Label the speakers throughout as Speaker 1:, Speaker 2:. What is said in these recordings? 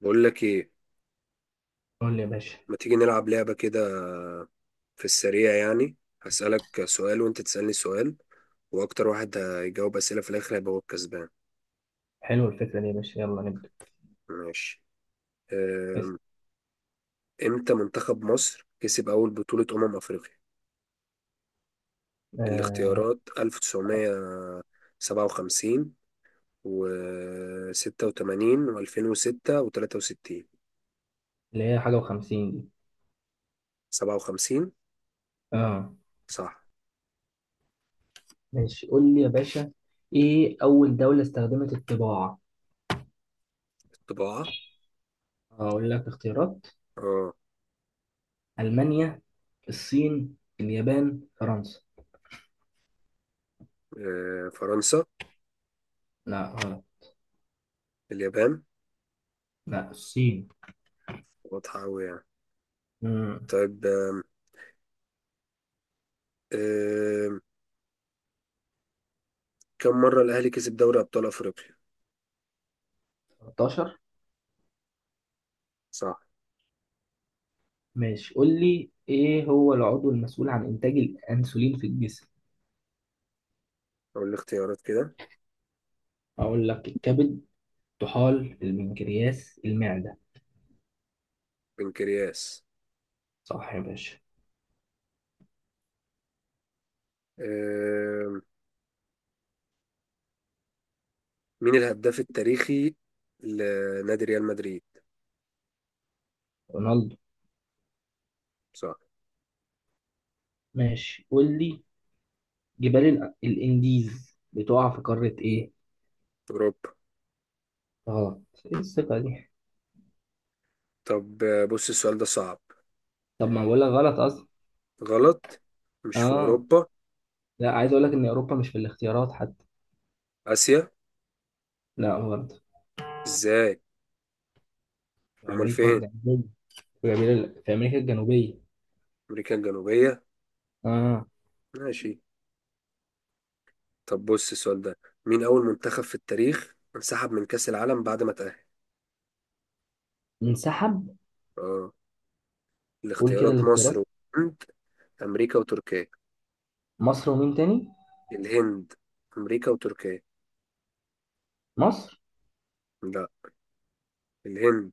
Speaker 1: بقول لك ايه؟
Speaker 2: قول لي يا باشا.
Speaker 1: ما تيجي نلعب لعبة كده، في السريع يعني. هسألك سؤال وانت تسألني سؤال، واكتر واحد هيجاوب أسئلة في الاخر هيبقى هو الكسبان.
Speaker 2: حلوة الفكرة دي يا باشا، يلا نبدأ.
Speaker 1: ماشي.
Speaker 2: اسم.
Speaker 1: أم، امتى منتخب مصر كسب اول بطولة افريقيا؟
Speaker 2: آه.
Speaker 1: الاختيارات 1957 و86 و2006 و63.
Speaker 2: اللي هي حاجة وخمسين دي.
Speaker 1: 57.
Speaker 2: اه.
Speaker 1: صح.
Speaker 2: ماشي قول لي يا باشا، ايه أول دولة استخدمت الطباعة؟
Speaker 1: الطباعة.
Speaker 2: هقول لك اختيارات.
Speaker 1: اه.
Speaker 2: ألمانيا، الصين، اليابان، فرنسا.
Speaker 1: فرنسا.
Speaker 2: لا غلط.
Speaker 1: اليابان.
Speaker 2: لا الصين.
Speaker 1: واضحة أوي يعني.
Speaker 2: امم
Speaker 1: طيب. آه، كم مرة الأهلي كسب دوري أبطال أفريقيا؟
Speaker 2: 13.
Speaker 1: صح.
Speaker 2: ماشي قول لي، ايه هو العضو المسؤول عن إنتاج الأنسولين في الجسم؟
Speaker 1: أقول الاختيارات كده.
Speaker 2: هقول لك الكبد، طحال، البنكرياس، المعدة.
Speaker 1: بنكرياس.
Speaker 2: صح يا باشا.
Speaker 1: آه، مين الهداف التاريخي لنادي ريال مدريد؟
Speaker 2: رونالدو.
Speaker 1: صح.
Speaker 2: ماشي قول لي، جبال الانديز بتقع في قارة ايه؟
Speaker 1: أوروبا.
Speaker 2: غلط. ايه الثقة دي؟
Speaker 1: طب بص السؤال ده صعب.
Speaker 2: طب ما بقول لك غلط اصلا.
Speaker 1: غلط. مش في
Speaker 2: اه.
Speaker 1: أوروبا.
Speaker 2: لا عايز اقول لك ان اوروبا مش في الاختيارات حتى.
Speaker 1: آسيا.
Speaker 2: لا برضه.
Speaker 1: إزاي؟
Speaker 2: في
Speaker 1: أمال
Speaker 2: امريكا
Speaker 1: فين؟
Speaker 2: الجنوبية. في أمريكا، في امريكا الجنوبية.
Speaker 1: أمريكا الجنوبية.
Speaker 2: اه.
Speaker 1: ماشي. طب بص السؤال ده، مين أول منتخب في التاريخ انسحب من كأس العالم بعد ما تأهل؟
Speaker 2: انسحب.
Speaker 1: اه.
Speaker 2: قول كده
Speaker 1: الاختيارات مصر
Speaker 2: الاختيارات.
Speaker 1: وهند أمريكا وتركيا.
Speaker 2: مصر ومين تاني؟
Speaker 1: الهند. أمريكا وتركيا.
Speaker 2: مصر.
Speaker 1: لا، الهند.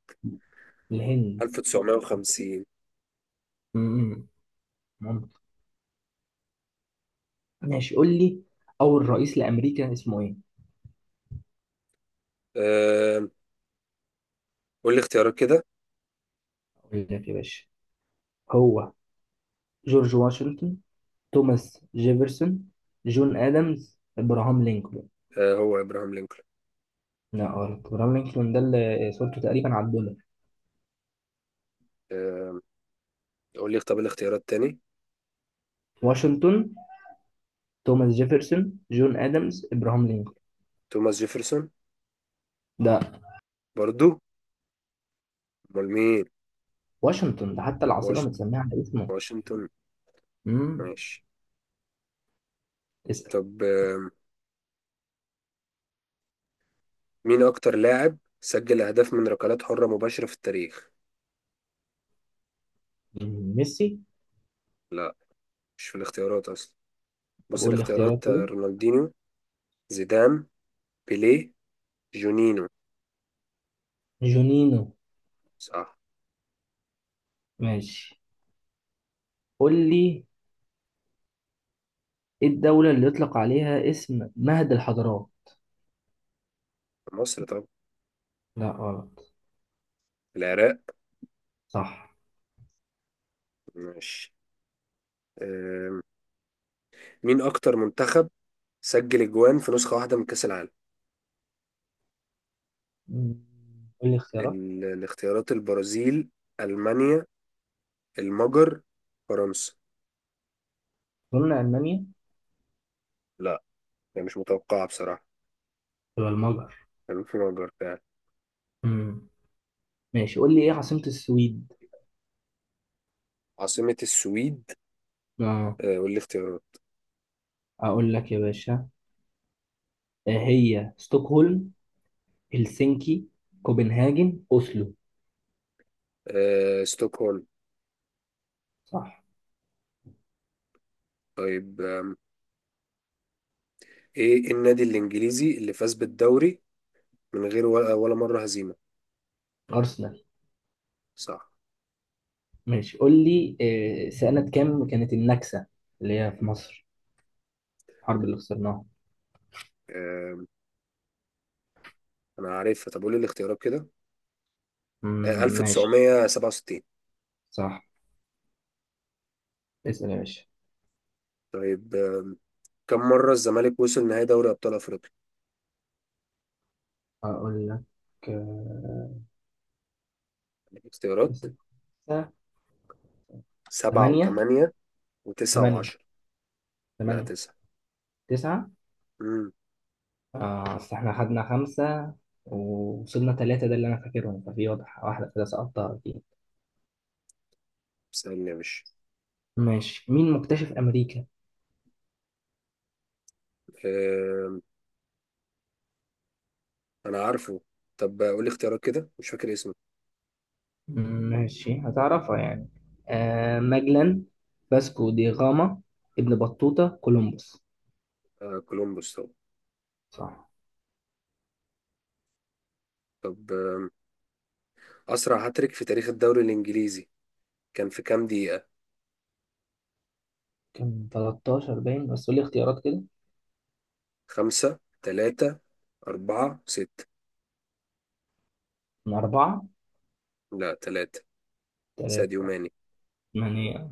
Speaker 2: الهند.
Speaker 1: 1950.
Speaker 2: امم. ممكن. ماشي قول لي، اول رئيس لامريكا اسمه ايه؟
Speaker 1: آه، قول لي اختيارات كده.
Speaker 2: اقول لك يا باشا. هو جورج واشنطن، توماس جيفرسون، جون ادمز، ابراهام لينكولن.
Speaker 1: هو إبراهام لينكولن.
Speaker 2: لا غلط، ابراهام لينكولن ده اللي صورته تقريبا على الدولار.
Speaker 1: آه، قول لي طب الاختيارات تاني.
Speaker 2: واشنطن، توماس جيفرسون، جون ادمز، ابراهام لينكولن.
Speaker 1: توماس جيفرسون.
Speaker 2: ده.
Speaker 1: برضو. أمال مين؟
Speaker 2: واشنطن ده حتى العاصمه
Speaker 1: واش...
Speaker 2: متسميه على اسمه.
Speaker 1: واشنطن.
Speaker 2: امم.
Speaker 1: ماشي.
Speaker 2: اسال.
Speaker 1: طب مين أكتر لاعب سجل أهداف من ركلات حرة مباشرة في التاريخ؟
Speaker 2: مم، ميسي.
Speaker 1: لا، مش في الاختيارات أصلا.
Speaker 2: طب
Speaker 1: بص
Speaker 2: قول لي اختيارات
Speaker 1: الاختيارات
Speaker 2: كده.
Speaker 1: رونالدينيو، زيدان، بيليه، جونينو.
Speaker 2: جونينو.
Speaker 1: صح.
Speaker 2: ماشي قول لي، ايه الدوله اللي يطلق عليها اسم مهد الحضارات؟
Speaker 1: في مصر طب.
Speaker 2: لا غلط.
Speaker 1: العراق.
Speaker 2: صح.
Speaker 1: ماشي. آه، مين أكتر منتخب سجل أجوان في نسخة واحدة من كأس العالم؟
Speaker 2: مم، قول لي اختيارات.
Speaker 1: الاختيارات البرازيل، ألمانيا، المجر، فرنسا.
Speaker 2: قلنا المانيا.
Speaker 1: لا، هي مش متوقعة بصراحة.
Speaker 2: ولا المجر.
Speaker 1: كان في مجر فعلا.
Speaker 2: مم، ماشي قول لي ايه عاصمه السويد.
Speaker 1: عاصمة السويد.
Speaker 2: اه.
Speaker 1: قول لي اختيارات.
Speaker 2: اقول لك يا باشا. هي ستوكهولم، هلسنكي، كوبنهاجن، اوسلو.
Speaker 1: ستوكهولم.
Speaker 2: صح.
Speaker 1: طيب إيه النادي الإنجليزي اللي فاز بالدوري من غير ولا مرة هزيمة؟
Speaker 2: ارسنال.
Speaker 1: صح.
Speaker 2: ماشي قول لي، سنة كام كانت النكسة؟ اللي هي في مصر، الحرب اللي خسرناها.
Speaker 1: آم، أنا عارفها. طب قول لي الاختيارات كده.
Speaker 2: مم، ماشي.
Speaker 1: 1967.
Speaker 2: صح. اسأل يا باشا.
Speaker 1: طيب كم مرة الزمالك وصل نهائي دوري أبطال أفريقيا؟
Speaker 2: اقول لك. آه،
Speaker 1: اختيارات.
Speaker 2: كسب. خمسة.
Speaker 1: سبعة
Speaker 2: ثمانية.
Speaker 1: وثمانية وتسعة
Speaker 2: ثمانية.
Speaker 1: وعشرة. لا،
Speaker 2: ثمانية.
Speaker 1: تسعة.
Speaker 2: تسعة.
Speaker 1: امم.
Speaker 2: أصل إحنا خدنا خمسة، ووصلنا ثلاثة، ده اللي أنا فاكرهم، ففي واضح واحدة كده سقطتها أكيد.
Speaker 1: سألني يا باشا.
Speaker 2: ماشي، مين مكتشف أمريكا؟
Speaker 1: آم، أنا عارفه. طب قول لي اختيارات كده، مش فاكر اسمه.
Speaker 2: ماشي هتعرفها يعني. ماجلان، باسكو دي غاما، ابن بطوطة، كولومبوس.
Speaker 1: آه، كولومبوس طبعا.
Speaker 2: صح.
Speaker 1: طب أسرع هاتريك في تاريخ الدوري الإنجليزي كان في كام دقيقة؟
Speaker 2: كان 13 باين، بس قول لي اختيارات كده.
Speaker 1: خمسة، تلاتة، أربعة، ستة.
Speaker 2: من أربعة.
Speaker 1: لا تلاتة. ساديو
Speaker 2: ثلاثة.
Speaker 1: ماني.
Speaker 2: ثمانية.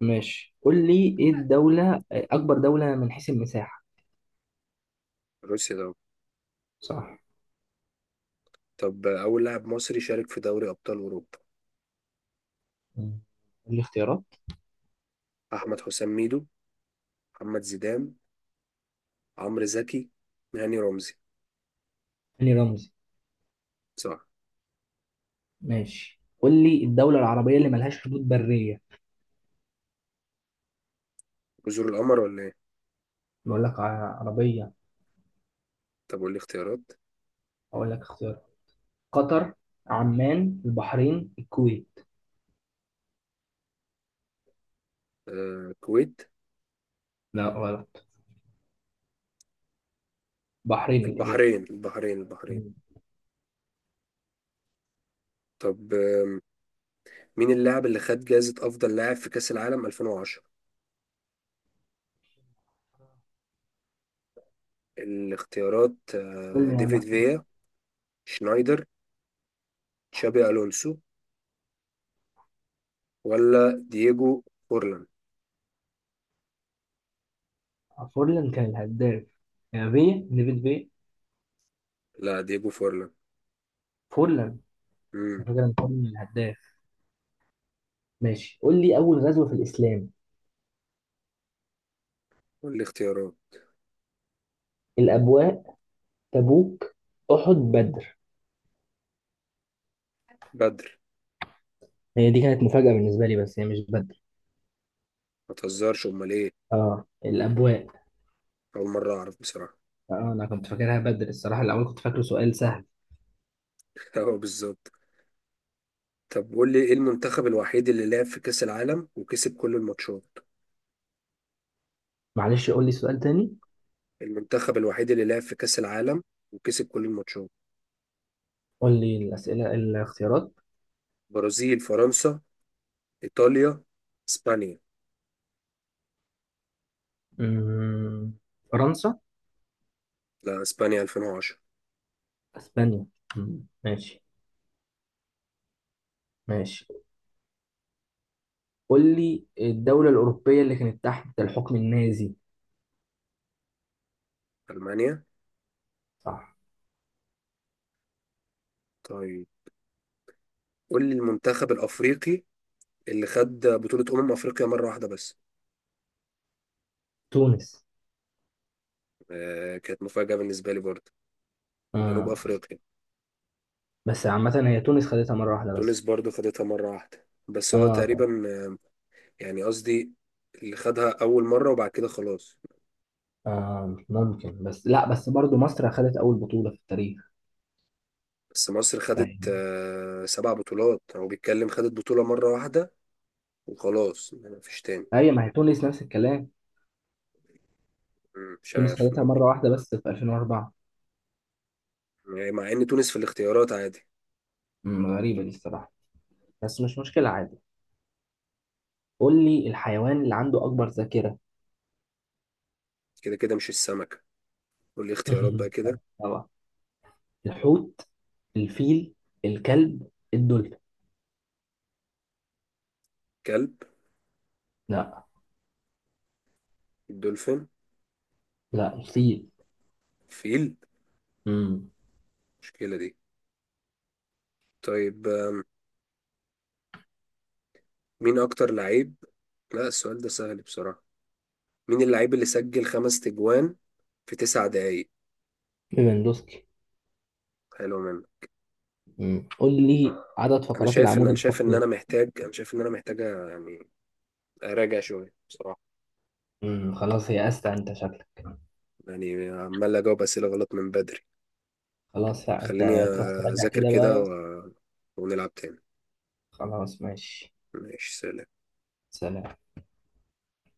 Speaker 2: ماشي قول لي، إيه الدولة أكبر دولة من حيث المساحة؟
Speaker 1: روسيا طبعا.
Speaker 2: صح.
Speaker 1: طب أول لاعب مصري شارك في دوري أبطال أوروبا.
Speaker 2: مم. قول لي اختيارات.
Speaker 1: أحمد حسام ميدو، محمد زيدان، عمرو زكي، هاني رمزي.
Speaker 2: هاني رمزي.
Speaker 1: صح.
Speaker 2: ماشي قول لي، الدولة العربية اللي ملهاش حدود برية.
Speaker 1: جزر القمر ولا إيه؟
Speaker 2: بقول لك عربية.
Speaker 1: طب قول لي اختيارات.
Speaker 2: أقول لك اختيار. قطر، عمان، البحرين، الكويت.
Speaker 1: الكويت.
Speaker 2: لا غلط. بحرين الإجابة.
Speaker 1: البحرين، البحرين، البحرين.
Speaker 2: قول
Speaker 1: طب مين اللاعب اللي خد جائزة أفضل لاعب في كأس العالم 2010؟ الاختيارات
Speaker 2: لي يا عم
Speaker 1: ديفيد
Speaker 2: احمد.
Speaker 1: فيا، شنايدر، تشابي ألونسو، ولا دييجو فورلان.
Speaker 2: فورلان كان الهداف، يعني فيا نيفل فيا.
Speaker 1: لا، دييجو فورلان.
Speaker 2: فورلان. على
Speaker 1: امم.
Speaker 2: فكره إن فورلان الهداف. ماشي قول لي اول غزوه في الاسلام.
Speaker 1: والاختيارات.
Speaker 2: الابواء، تبوك، احد، بدر.
Speaker 1: بدر.
Speaker 2: هي دي كانت مفاجاه بالنسبه لي، بس هي مش بدر.
Speaker 1: ما تهزرش، امال ايه؟
Speaker 2: اه الابواء.
Speaker 1: اول مره اعرف بصراحه.
Speaker 2: اه انا كنت فاكرها بدر الصراحه، الاول كنت فاكره سؤال سهل.
Speaker 1: اه، بالظبط. طب قول لي، ايه المنتخب الوحيد اللي لعب في كأس العالم وكسب كل الماتشات؟
Speaker 2: معلش قول لي سؤال تاني.
Speaker 1: المنتخب الوحيد اللي لعب في كأس العالم وكسب كل الماتشات.
Speaker 2: قول لي الاسئله الاختيارات.
Speaker 1: برازيل، فرنسا، إيطاليا، إسبانيا.
Speaker 2: أمم، فرنسا.
Speaker 1: لا، إسبانيا 2010.
Speaker 2: اسبانيا. أمم، ماشي. ماشي قول لي، الدولة الأوروبية اللي كانت تحت الحكم النازي.
Speaker 1: ألمانيا.
Speaker 2: صح.
Speaker 1: طيب، قول لي المنتخب الأفريقي اللي خد بطولة أمم أفريقيا مرة واحدة بس.
Speaker 2: تونس.
Speaker 1: آه، كانت مفاجأة بالنسبة لي برضه. جنوب
Speaker 2: اه.
Speaker 1: أفريقيا.
Speaker 2: بس عامة هي تونس خدتها مرة واحدة
Speaker 1: تونس
Speaker 2: بس.
Speaker 1: برضه خدتها مرة واحدة بس، هو
Speaker 2: اه.
Speaker 1: تقريبا. يعني قصدي اللي خدها أول مرة وبعد كده خلاص.
Speaker 2: ممكن، بس لا، بس برضو مصر خدت أول بطولة في التاريخ.
Speaker 1: بس مصر خدت
Speaker 2: فاهم.
Speaker 1: آه سبع بطولات، هو بيتكلم خدت بطولة مرة واحدة وخلاص، يعني مفيش تاني.
Speaker 2: هي ما هي تونس نفس الكلام.
Speaker 1: مش
Speaker 2: تونس
Speaker 1: عارف،
Speaker 2: خدتها
Speaker 1: ممكن.
Speaker 2: مرة واحدة بس في 2004.
Speaker 1: يعني مع إن تونس في الاختيارات عادي.
Speaker 2: أمم، غريبة دي الصراحة. بس مش مشكلة عادي. قول لي الحيوان اللي عنده أكبر ذاكرة.
Speaker 1: كده كده، مش السمكة؟ قول لي اختيارات بقى كده.
Speaker 2: طبعا. الحوت، الفيل، الكلب، الدولفين.
Speaker 1: كلب.
Speaker 2: لا.
Speaker 1: دولفين.
Speaker 2: لا الفيل.
Speaker 1: فيل.
Speaker 2: امم.
Speaker 1: المشكلة دي. طيب مين أكتر لعيب؟ لا، السؤال ده سهل بصراحة. مين اللعيب اللي سجل خمس تجوان في تسع دقايق؟
Speaker 2: ليفاندوسكي.
Speaker 1: حلو منه.
Speaker 2: قول لي عدد فقرات العمود الفقري.
Speaker 1: أنا شايف إن أنا محتاج يعني أراجع شوية بصراحة.
Speaker 2: خلاص يأست انت شكلك.
Speaker 1: يعني عمال أجاوب أسئلة غلط من بدري.
Speaker 2: خلاص لا انت
Speaker 1: خليني
Speaker 2: تروح تراجع
Speaker 1: أذاكر
Speaker 2: كده
Speaker 1: كده
Speaker 2: بقى.
Speaker 1: ونلعب تاني.
Speaker 2: خلاص ماشي.
Speaker 1: ماشي، سلام.
Speaker 2: سلام.